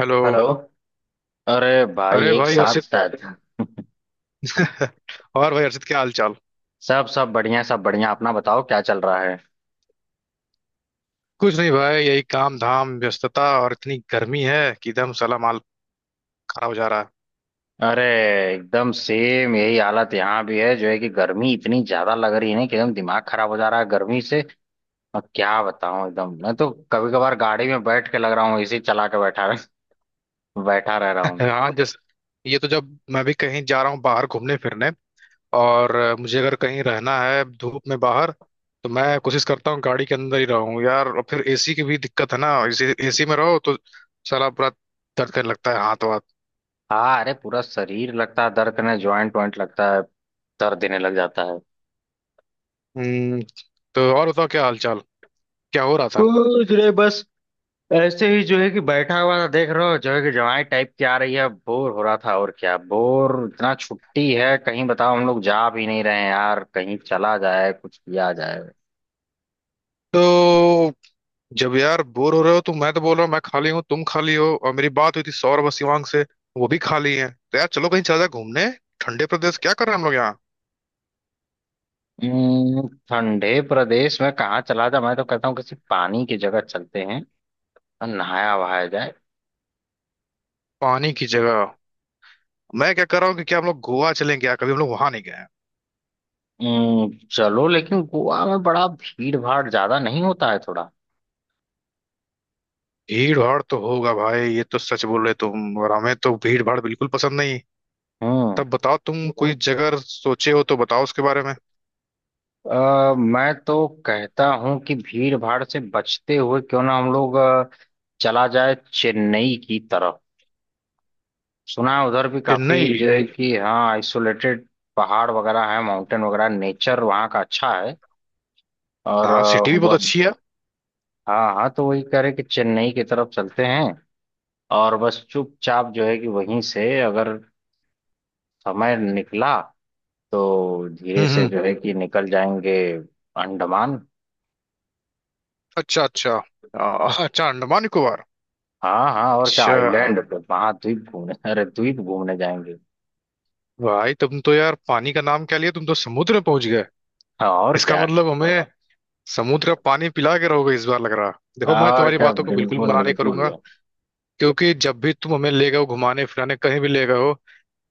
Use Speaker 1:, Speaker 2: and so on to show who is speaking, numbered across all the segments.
Speaker 1: Hello.
Speaker 2: Hello. अरे भाई,
Speaker 1: अरे
Speaker 2: एक
Speaker 1: भाई और
Speaker 2: साथ
Speaker 1: हर्षित।
Speaker 2: साथ।
Speaker 1: और भाई हर्षित, क्या हाल चाल।
Speaker 2: सब सब बढ़िया, सब बढ़िया। अपना बताओ, क्या चल रहा है?
Speaker 1: कुछ नहीं भाई, यही काम धाम व्यस्तता और इतनी गर्मी है कि एकदम साला माल खराब हो जा रहा
Speaker 2: अरे एकदम सेम यही हालत यहाँ भी है, जो है कि गर्मी इतनी ज्यादा लग रही है ना कि एकदम दिमाग खराब हो जा रहा है गर्मी से। और क्या बताऊं, एकदम मैं तो कभी कभार गाड़ी में बैठ के लग रहा हूँ, एसी चला के बैठा बैठा रह
Speaker 1: है।
Speaker 2: रहा हूँ।
Speaker 1: हाँ जस। ये तो जब मैं भी कहीं जा रहा हूँ बाहर घूमने फिरने। और मुझे अगर कहीं रहना है धूप में बाहर, तो मैं कोशिश करता हूँ गाड़ी के अंदर ही रहूँ यार। और फिर एसी की भी दिक्कत है ना, एसी एसी में रहो तो साला पूरा दर्द करने लगता है हाथ वाथ।
Speaker 2: हाँ, अरे पूरा शरीर लगता है दर्द करने, ज्वाइंट वाइंट लगता है दर्द देने लग जाता है।
Speaker 1: हम्म, तो और बताओ, क्या हाल चाल? क्या हो रहा था?
Speaker 2: कुछ नहीं, बस ऐसे ही जो है कि बैठा हुआ था, देख रहे हो जो है कि जवाई टाइप की आ रही है, बोर हो रहा था। और क्या बोर, इतना छुट्टी है कहीं, बताओ हम लोग जा भी नहीं रहे हैं यार, कहीं चला जाए, कुछ किया जाए।
Speaker 1: तो जब यार बोर हो रहे हो, तो मैं तो बोल रहा हूँ, मैं खाली हूँ तुम खाली हो, और मेरी बात हुई थी सौरभ और शिवांग से। वो भी खाली हैं, तो यार चलो कहीं चला जाए घूमने, ठंडे प्रदेश। क्या कर रहे हैं हम लोग यहाँ।
Speaker 2: ठंडे प्रदेश में कहाँ चला जाए? मैं तो कहता हूँ किसी पानी की जगह चलते हैं और नहाया वहाया जाए।
Speaker 1: पानी की जगह? मैं क्या कर रहा हूँ कि क्या हम लोग गोवा चलें क्या? कभी हम लोग वहां नहीं गए हैं।
Speaker 2: चलो, लेकिन गोवा में बड़ा भीड़ भाड़ ज्यादा नहीं होता है थोड़ा।
Speaker 1: भीड़ भाड़ तो होगा भाई, ये तो सच बोल रहे तुम, और हमें तो भीड़ भाड़ बिल्कुल पसंद नहीं।
Speaker 2: हम्म
Speaker 1: तब बताओ तुम कोई जगह सोचे हो तो, बताओ उसके बारे में।
Speaker 2: मैं तो कहता हूँ कि भीड़ भाड़ से बचते हुए क्यों ना हम लोग चला जाए चेन्नई की तरफ। सुना है उधर भी काफी
Speaker 1: चेन्नई।
Speaker 2: जो है कि हाँ, आइसोलेटेड पहाड़ वगैरह है, माउंटेन वगैरह, नेचर वहाँ का अच्छा है। और
Speaker 1: हाँ, सिटी भी बहुत
Speaker 2: वह।
Speaker 1: अच्छी है।
Speaker 2: हाँ हाँ, तो वही कह रहे कि चेन्नई की तरफ चलते हैं और बस चुपचाप जो है कि वहीं से अगर समय निकला तो धीरे से
Speaker 1: हम्म।
Speaker 2: जो है कि निकल जाएंगे अंडमान।
Speaker 1: अच्छा अच्छा। आ, अच्छा, अंडमान निकोबार।
Speaker 2: हाँ हाँ, और क्या,
Speaker 1: अच्छा,
Speaker 2: आइलैंड पे महाद्वीप घूमने, अरे द्वीप घूमने जाएंगे।
Speaker 1: भाई तुम तो यार पानी का नाम क्या लिया, तुम तो समुद्र में पहुंच गए।
Speaker 2: हाँ, और
Speaker 1: इसका
Speaker 2: क्या,
Speaker 1: मतलब हमें समुद्र का पानी पिला के रहोगे इस बार, लग रहा। देखो, मैं
Speaker 2: और
Speaker 1: तुम्हारी
Speaker 2: क्या।
Speaker 1: बातों को बिल्कुल
Speaker 2: बिल्कुल
Speaker 1: मना नहीं
Speaker 2: बिल्कुल।
Speaker 1: करूंगा। क्योंकि जब भी तुम हमें ले गए हो घुमाने फिराने, कहीं भी ले गए हो,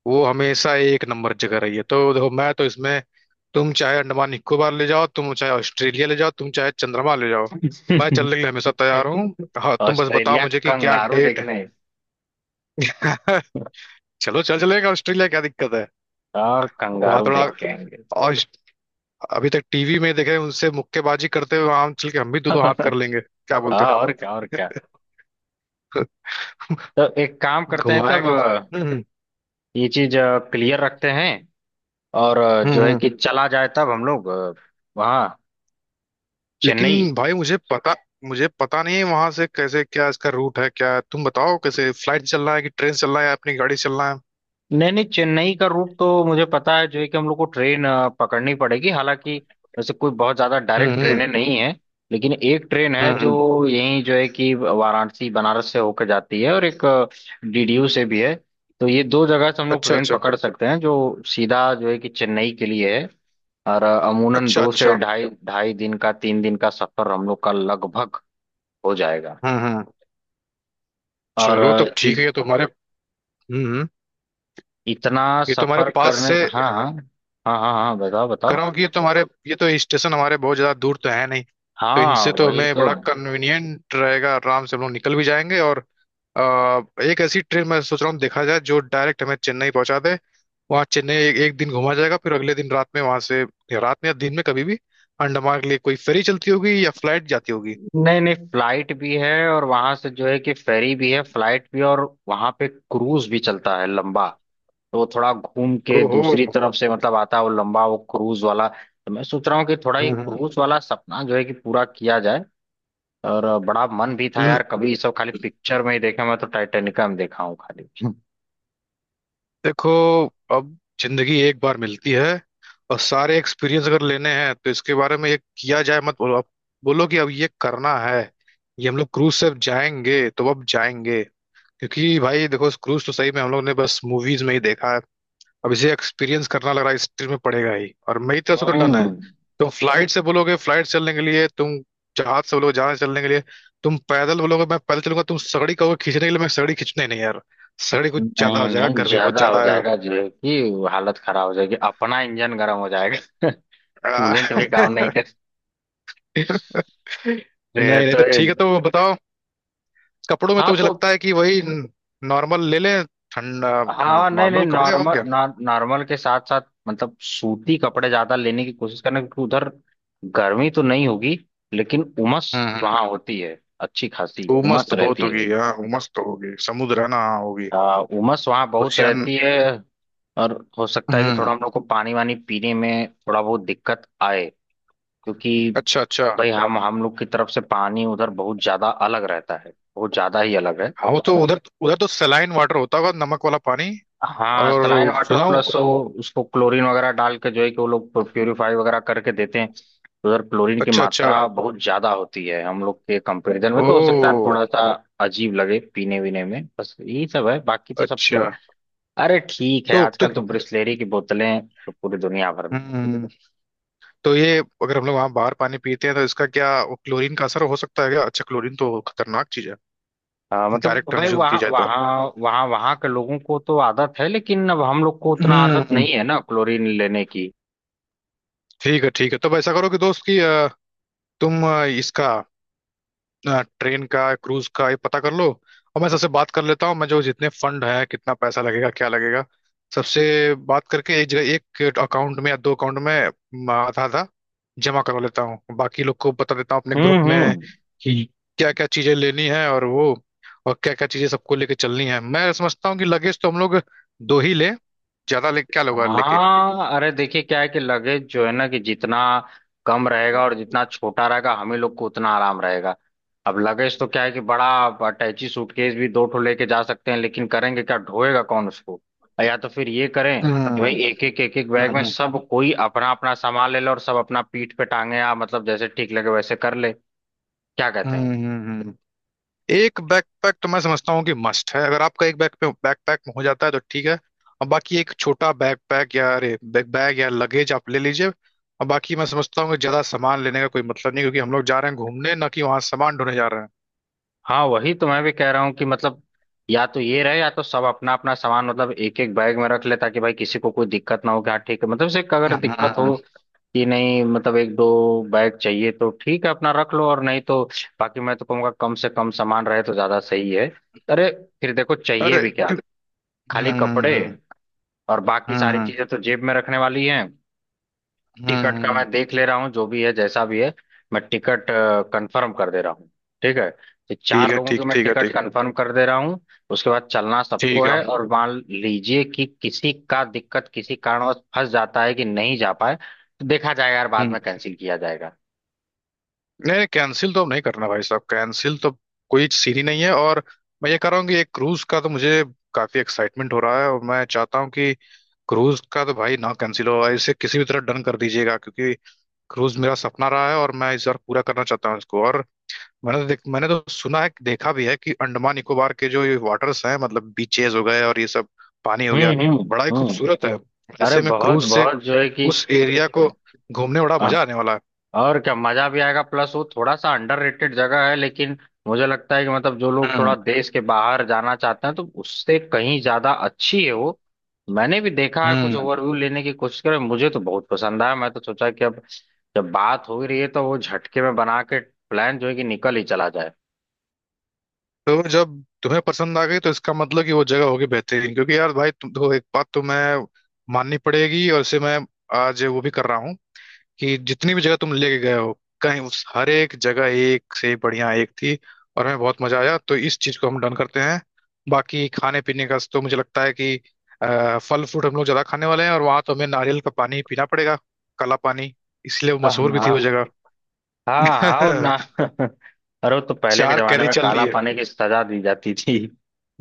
Speaker 1: वो हमेशा एक नंबर जगह रही है। तो देखो मैं तो इसमें, तुम चाहे अंडमान निकोबार ले जाओ, तुम चाहे ऑस्ट्रेलिया ले जाओ, तुम चाहे चंद्रमा ले जाओ, मैं चलने के लिए हमेशा तैयार हूँ। हाँ, तुम बस बताओ
Speaker 2: ऑस्ट्रेलिया
Speaker 1: मुझे कि क्या
Speaker 2: कंगारू
Speaker 1: डेट है।
Speaker 2: देखने।
Speaker 1: चलो, चल चलेगा ऑस्ट्रेलिया, क्या दिक्कत है।
Speaker 2: और
Speaker 1: वहां
Speaker 2: कंगारू
Speaker 1: थोड़ा,
Speaker 2: देख के आएंगे।
Speaker 1: अभी तक टीवी में देखे उनसे मुक्केबाजी करते हुए, वहां चल के हम भी दो दो हाथ कर लेंगे, क्या बोलते
Speaker 2: हाँ, और क्या, और क्या। तो एक काम
Speaker 1: हैं,
Speaker 2: करते हैं
Speaker 1: घुमाए।
Speaker 2: तब
Speaker 1: हम्म।
Speaker 2: ये चीज क्लियर रखते हैं। और
Speaker 1: हम्म।
Speaker 2: जो है
Speaker 1: हम्म।
Speaker 2: कि चला जाए तब हम लोग वहाँ चेन्नई।
Speaker 1: लेकिन भाई मुझे पता नहीं है वहां से कैसे, क्या इसका रूट है? क्या तुम बताओ कैसे, फ्लाइट चलना है कि ट्रेन चलना है या अपनी गाड़ी चलना है।
Speaker 2: नहीं नहीं, चेन्नई का रूट तो मुझे पता है, जो है कि हम लोग को ट्रेन पकड़नी पड़ेगी। हालांकि वैसे कोई बहुत ज्यादा डायरेक्ट
Speaker 1: हम्म।
Speaker 2: ट्रेनें नहीं है, लेकिन एक ट्रेन है
Speaker 1: हम्म
Speaker 2: जो
Speaker 1: हम्म।
Speaker 2: यहीं जो है कि वाराणसी बनारस से होकर जाती है और एक डीडीयू से भी है। तो ये दो जगह से हम लोग
Speaker 1: अच्छा
Speaker 2: ट्रेन
Speaker 1: अच्छा।
Speaker 2: पकड़ सकते हैं जो सीधा जो है कि चेन्नई के लिए है। और अमूनन
Speaker 1: अच्छा
Speaker 2: दो से
Speaker 1: अच्छा।
Speaker 2: ढाई ढाई दिन का, तीन दिन का सफर हम लोग का लगभग हो जाएगा।
Speaker 1: हम्म।
Speaker 2: और
Speaker 1: चलो तब ठीक है। हम्म हम्म।
Speaker 2: इतना
Speaker 1: ये तो हमारे
Speaker 2: सफर
Speaker 1: पास
Speaker 2: करने।
Speaker 1: से,
Speaker 2: हाँ हाँ हाँ हाँ हाँ, बताओ
Speaker 1: कर
Speaker 2: बताओ।
Speaker 1: रहा हूँ कि ये तो स्टेशन हमारे बहुत ज्यादा दूर तो है नहीं। तो
Speaker 2: हाँ,
Speaker 1: इनसे तो
Speaker 2: वही
Speaker 1: हमें
Speaker 2: तो।
Speaker 1: बड़ा कन्वीनियंट रहेगा, आराम से हम लोग निकल भी जाएंगे, और एक ऐसी ट्रेन मैं सोच रहा हूँ, देखा जाए जो डायरेक्ट हमें चेन्नई पहुंचा दे। वहाँ चेन्नई एक दिन घुमा जाएगा, फिर अगले दिन रात में वहां से, या रात में या दिन में कभी भी, अंडमान के लिए कोई फेरी चलती होगी या फ्लाइट जाती होगी।
Speaker 2: नहीं नहीं, फ्लाइट भी है और वहां से जो है कि फेरी भी है, फ्लाइट भी। और वहां पे क्रूज भी चलता है लंबा। तो वो थोड़ा घूम के
Speaker 1: ओहो।
Speaker 2: दूसरी तरफ से मतलब आता है वो लंबा, वो क्रूज वाला। तो मैं सोच रहा हूँ कि थोड़ा ये
Speaker 1: हम्म
Speaker 2: क्रूज वाला सपना जो है कि पूरा किया जाए। और बड़ा मन भी था
Speaker 1: हम्म।
Speaker 2: यार, कभी ये सब खाली पिक्चर में ही देखा, मैं तो टाइटेनिका में देखा हूँ खाली।
Speaker 1: देखो, अब जिंदगी एक बार मिलती है, और सारे एक्सपीरियंस अगर लेने हैं, तो इसके बारे में ये किया जाए, मत बोलो आप, बोलो कि अब ये करना है। ये हम लोग क्रूज से अब जाएंगे तो अब जाएंगे। क्योंकि भाई देखो, इस क्रूज तो सही में हम लोग ने बस मूवीज में ही देखा है। अब इसे एक्सपीरियंस करना लग रहा है, हिस्ट्री में पड़ेगा ही, और मेरी तरफ से तो डन है।
Speaker 2: हम्म,
Speaker 1: तुम फ्लाइट से बोलोगे, फ्लाइट चलने के लिए, तुम जहाज से बोलोगे, जहाज चलने के लिए, तुम पैदल बोलोगे मैं पैदल चलूंगा, तुम सगड़ी कहोगे खींचने के लिए, मैं सगड़ी खींचने नहीं यार। सगड़ी कुछ ज्यादा
Speaker 2: नहीं
Speaker 1: हो जाएगा,
Speaker 2: नहीं,
Speaker 1: गर्मी बहुत
Speaker 2: ज्यादा हो
Speaker 1: ज्यादा है।
Speaker 2: जाएगा जो है कि हालत खराब हो जाएगी, अपना इंजन गर्म हो जाएगा।
Speaker 1: आ,
Speaker 2: कूलेंट भी काम नहीं। ये
Speaker 1: नहीं नहीं,
Speaker 2: तो
Speaker 1: तो
Speaker 2: ये।
Speaker 1: ठीक है, तो बताओ। कपड़ों में
Speaker 2: हाँ
Speaker 1: तो मुझे
Speaker 2: तो,
Speaker 1: लगता है कि वही नॉर्मल ले लें, ठंडा।
Speaker 2: हाँ नहीं नहीं
Speaker 1: नॉर्मल कपड़े और
Speaker 2: नॉर्मल।
Speaker 1: क्या।
Speaker 2: नॉर्मल के साथ साथ मतलब सूती कपड़े ज्यादा लेने की कोशिश करना, क्योंकि उधर गर्मी तो नहीं होगी लेकिन उमस
Speaker 1: हम्म हम्म।
Speaker 2: वहाँ होती है, अच्छी खासी
Speaker 1: उमस
Speaker 2: उमस
Speaker 1: तो बहुत
Speaker 2: रहती
Speaker 1: होगी,
Speaker 2: है।
Speaker 1: हाँ, उमस तो होगी, समुद्र है ना। हाँ, होगी।
Speaker 2: उमस वहाँ बहुत
Speaker 1: ओशियन।
Speaker 2: रहती है। और हो सकता है कि
Speaker 1: हम्म।
Speaker 2: थोड़ा हम लोग को पानी वानी पीने में थोड़ा बहुत दिक्कत आए, क्योंकि
Speaker 1: अच्छा अच्छा।
Speaker 2: भाई हम लोग की तरफ से पानी उधर बहुत ज्यादा अलग रहता है, बहुत ज्यादा ही अलग है।
Speaker 1: हाँ, वो तो उधर उधर तो सलाइन वाटर होता होगा, नमक वाला पानी।
Speaker 2: हाँ, सलाइन
Speaker 1: और
Speaker 2: वाटर
Speaker 1: सुनाओ।
Speaker 2: प्लस वो उसको क्लोरीन वगैरह डाल के जो है कि वो लोग प्योरीफाई वगैरह करके देते हैं। तो उधर क्लोरीन की
Speaker 1: अच्छा अच्छा।
Speaker 2: मात्रा बहुत ज्यादा होती है हम लोग के कंपैरिजन में, तो हो सकता है
Speaker 1: ओ,
Speaker 2: थोड़ा सा अजीब लगे पीने वीने में, बस यही सब है, बाकी तो सब ठीक
Speaker 1: अच्छा।
Speaker 2: है। अरे ठीक है,
Speaker 1: तो तो
Speaker 2: आजकल तो ब्रिस्लेरी की बोतलें तो पूरी दुनिया भर में है।
Speaker 1: हम्म तो ये, अगर हम लोग वहाँ बाहर पानी पीते हैं तो इसका क्या, वो क्लोरीन का असर हो सकता है क्या? अच्छा, क्लोरीन तो खतरनाक चीज है,
Speaker 2: मतलब
Speaker 1: डायरेक्ट
Speaker 2: भाई
Speaker 1: कंज्यूम की
Speaker 2: वहाँ
Speaker 1: जाए तो।
Speaker 2: वहाँ वहाँ वहाँ के लोगों को तो आदत है, लेकिन अब हम लोग को उतना आदत
Speaker 1: हम्म।
Speaker 2: नहीं है ना क्लोरीन लेने की।
Speaker 1: ठीक है ठीक है, तब ऐसा करो कि दोस्त कि तुम इसका ट्रेन का, क्रूज का ये पता कर लो। और मैं सबसे बात कर लेता हूँ, मैं जो, जितने फंड है, कितना पैसा लगेगा क्या लगेगा, सबसे बात करके, एक जगह, एक अकाउंट में या दो अकाउंट में आधा आधा जमा करवा लेता हूँ, बाकी लोग को बता देता हूँ अपने ग्रुप में,
Speaker 2: हम्म।
Speaker 1: कि क्या क्या चीजें लेनी है और वो, और क्या क्या चीजें सबको लेके चलनी है। मैं समझता हूँ कि लगेज तो हम लोग दो ही ले, ज्यादा ले क्या लोग लेके।
Speaker 2: हाँ अरे देखिए क्या है कि लगेज जो है ना कि जितना कम रहेगा और जितना छोटा रहेगा, हम ही लोग को उतना आराम रहेगा। अब लगेज तो क्या है कि बड़ा अटैची सूटकेस भी दो ठो लेके जा सकते हैं, लेकिन करेंगे क्या, ढोएगा कौन उसको? या तो फिर ये करें
Speaker 1: हम्म
Speaker 2: कि भाई
Speaker 1: हम्म।
Speaker 2: एक एक बैग में सब कोई अपना अपना सामान ले लो और सब अपना पीठ पे टांगे, या मतलब जैसे ठीक लगे वैसे कर ले। क्या कहते हैं?
Speaker 1: हम्म। एक बैकपैक तो मैं समझता हूँ कि मस्ट है, अगर आपका एक बैकपैक हो जाता है तो ठीक है। और बाकी एक छोटा बैकपैक या, अरे बैग बैग या लगेज आप ले लीजिए, और बाकी मैं समझता हूँ कि ज्यादा सामान लेने का कोई मतलब नहीं, क्योंकि हम लोग जा रहे हैं घूमने, ना कि वहां सामान ढोने जा रहे हैं।
Speaker 2: हाँ, वही तो मैं भी कह रहा हूँ कि मतलब, या तो ये रहे या तो सब अपना अपना सामान मतलब एक एक बैग में रख ले ताकि भाई किसी को कोई दिक्कत ना हो कि, हाँ ठीक है, मतलब से अगर दिक्कत
Speaker 1: हम्म।
Speaker 2: हो कि नहीं, मतलब एक दो बैग चाहिए तो ठीक है अपना रख लो और नहीं तो बाकी। मैं तो कहूँगा कम से कम सामान रहे तो ज्यादा सही है, अरे फिर देखो चाहिए
Speaker 1: अरे
Speaker 2: भी क्या,
Speaker 1: क्यों-
Speaker 2: खाली कपड़े।
Speaker 1: हम्म।
Speaker 2: और बाकी सारी
Speaker 1: हम्म,
Speaker 2: चीजें तो जेब में रखने वाली हैं। टिकट का
Speaker 1: हम्म।
Speaker 2: मैं देख ले रहा हूँ जो भी है जैसा भी है। मैं टिकट कंफर्म कर दे रहा हूँ, ठीक है? तो
Speaker 1: ठीक
Speaker 2: चार
Speaker 1: है
Speaker 2: लोगों की
Speaker 1: ठीक,
Speaker 2: मैं
Speaker 1: ठीक है
Speaker 2: टिकट
Speaker 1: ठीक,
Speaker 2: कंफर्म कर दे रहा हूँ। उसके बाद चलना सबको
Speaker 1: ठीक है।
Speaker 2: है, और मान लीजिए कि किसी का दिक्कत किसी कारणवश फंस जाता है कि नहीं जा पाए, तो देखा जाएगा यार बाद
Speaker 1: हम्म।
Speaker 2: में, कैंसिल किया जाएगा।
Speaker 1: नहीं, कैंसिल तो अब नहीं करना भाई साहब, कैंसिल तो कोई सीन ही नहीं है। और मैं ये कह रहा हूँ कि एक क्रूज का तो मुझे काफी एक्साइटमेंट हो रहा है, और मैं चाहता हूँ कि क्रूज का तो भाई ना कैंसिल हो, इसे किसी भी तरह डन कर दीजिएगा, क्योंकि क्रूज मेरा सपना रहा है, और मैं इस बार पूरा करना चाहता हूँ इसको। और मैंने तो सुना है देखा भी है कि अंडमान निकोबार के जो ये वाटर्स हैं, मतलब बीचेस हो गए और ये सब पानी हो गया,
Speaker 2: हम्म हम्म
Speaker 1: बड़ा ही
Speaker 2: हम्म।
Speaker 1: खूबसूरत है।
Speaker 2: अरे
Speaker 1: ऐसे में
Speaker 2: बहुत
Speaker 1: क्रूज से
Speaker 2: बहुत जो है कि,
Speaker 1: उस एरिया को घूमने में बड़ा मजा आने वाला है।
Speaker 2: और क्या मजा भी आएगा, प्लस वो थोड़ा सा अंडररेटेड जगह है, लेकिन मुझे लगता है कि मतलब जो लोग थोड़ा
Speaker 1: हम्म
Speaker 2: देश के बाहर जाना चाहते हैं तो उससे कहीं ज्यादा अच्छी है वो। मैंने भी देखा है, कुछ
Speaker 1: हम्म।
Speaker 2: ओवरव्यू लेने की कोशिश करें, मुझे तो बहुत पसंद आया। मैं तो सोचा कि अब जब बात हो ही रही है तो वो झटके में बना के प्लान जो है कि निकल ही चला जाए।
Speaker 1: तो जब तुम्हें पसंद आ गई, तो इसका मतलब कि वो जगह होगी बेहतरीन। क्योंकि यार भाई तुम तो, एक बात तो मैं माननी पड़ेगी, और इसे मैं आज वो भी कर रहा हूँ कि जितनी भी जगह तुम लेके गए हो, कहीं उस हर एक जगह, एक से बढ़िया एक थी, और हमें बहुत मजा आया, तो इस चीज को हम डन करते हैं। बाकी खाने पीने का तो मुझे लगता है कि फल फ्रूट हम लोग ज्यादा खाने वाले हैं, और वहां तो हमें नारियल का पानी पीना पड़ेगा। काला पानी, इसलिए वो
Speaker 2: हाँ
Speaker 1: मशहूर भी थी
Speaker 2: हाँ
Speaker 1: वो जगह।
Speaker 2: हाँ, और ना। अरे वो तो पहले के
Speaker 1: चार
Speaker 2: जमाने
Speaker 1: कैरी
Speaker 2: में
Speaker 1: चल रही
Speaker 2: काला
Speaker 1: है।
Speaker 2: पानी की सजा दी जाती थी।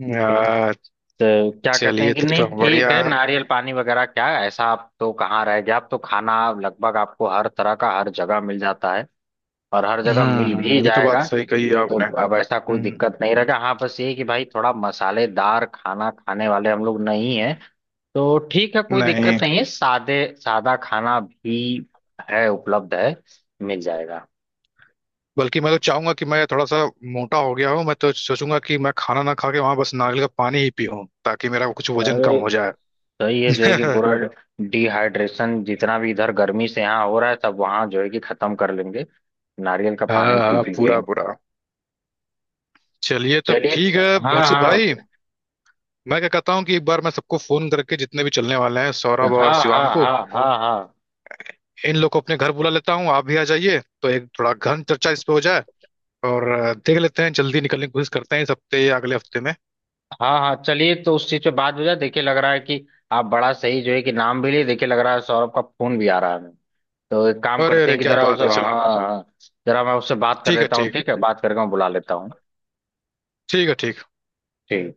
Speaker 1: अ,
Speaker 2: तो क्या कहते
Speaker 1: चलिए
Speaker 2: हैं कि
Speaker 1: तब
Speaker 2: नहीं
Speaker 1: तो
Speaker 2: ठीक
Speaker 1: बढ़िया।
Speaker 2: है नारियल पानी वगैरह क्या ऐसा, आप तो कहाँ रह गया, आप तो खाना लगभग आपको हर तरह का हर जगह मिल जाता है और हर जगह मिल भी
Speaker 1: ये तो बात
Speaker 2: जाएगा।
Speaker 1: सही कही है
Speaker 2: तो
Speaker 1: आपने।
Speaker 2: अब ऐसा कोई
Speaker 1: हम्म।
Speaker 2: दिक्कत नहीं रहेगा, हाँ बस ये कि भाई थोड़ा मसालेदार खाना खाने वाले हम लोग नहीं है, तो ठीक है कोई दिक्कत
Speaker 1: नहीं,
Speaker 2: नहीं है, सादे सादा खाना भी है, उपलब्ध है, मिल जाएगा।
Speaker 1: बल्कि मैं तो चाहूंगा कि मैं थोड़ा सा मोटा हो गया हूँ, मैं तो सोचूंगा कि मैं खाना ना खा के वहां बस नारियल का पानी ही पीऊं, ताकि मेरा कुछ वजन कम
Speaker 2: अरे
Speaker 1: हो जाए।
Speaker 2: तो ये जो है कि पूरा तो डिहाइड्रेशन जितना भी इधर गर्मी से यहाँ हो रहा है सब वहां जो है कि खत्म कर लेंगे, नारियल का
Speaker 1: हाँ
Speaker 2: पानी पी
Speaker 1: हाँ,
Speaker 2: पी के।
Speaker 1: पूरा पूरा। चलिए तब
Speaker 2: चलिए।
Speaker 1: ठीक है।
Speaker 2: हाँ
Speaker 1: हर्षित
Speaker 2: हाँ
Speaker 1: भाई, मैं क्या कहता हूँ कि एक बार मैं सबको फोन करके, जितने भी चलने वाले हैं,
Speaker 2: हाँ
Speaker 1: सौरभ और
Speaker 2: हाँ
Speaker 1: शिवांग को,
Speaker 2: हाँ हाँ हाँ
Speaker 1: इन लोग को अपने घर बुला लेता हूँ, आप भी आ जाइए तो एक थोड़ा गहन चर्चा इस पे हो जाए। और देख लेते हैं, जल्दी निकलने की कोशिश करते हैं इस हफ्ते या अगले हफ्ते में।
Speaker 2: हाँ हाँ, चलिए तो उस चीज पे बात हो जाए। देखिए लग रहा है कि आप बड़ा सही जो है कि नाम भी लिए, देखिए लग रहा है सौरभ का फोन भी आ रहा है हमें, तो एक काम
Speaker 1: अरे
Speaker 2: करते
Speaker 1: अरे,
Speaker 2: हैं कि
Speaker 1: क्या
Speaker 2: जरा
Speaker 1: बात
Speaker 2: उसे,
Speaker 1: है,
Speaker 2: हाँ
Speaker 1: चलो।
Speaker 2: हाँ जरा मैं उससे बात कर
Speaker 1: ठीक है
Speaker 2: लेता हूँ,
Speaker 1: ठीक है।
Speaker 2: ठीक है बात करके मैं बुला लेता हूँ।
Speaker 1: ठीक है ठीक है।
Speaker 2: ठीक।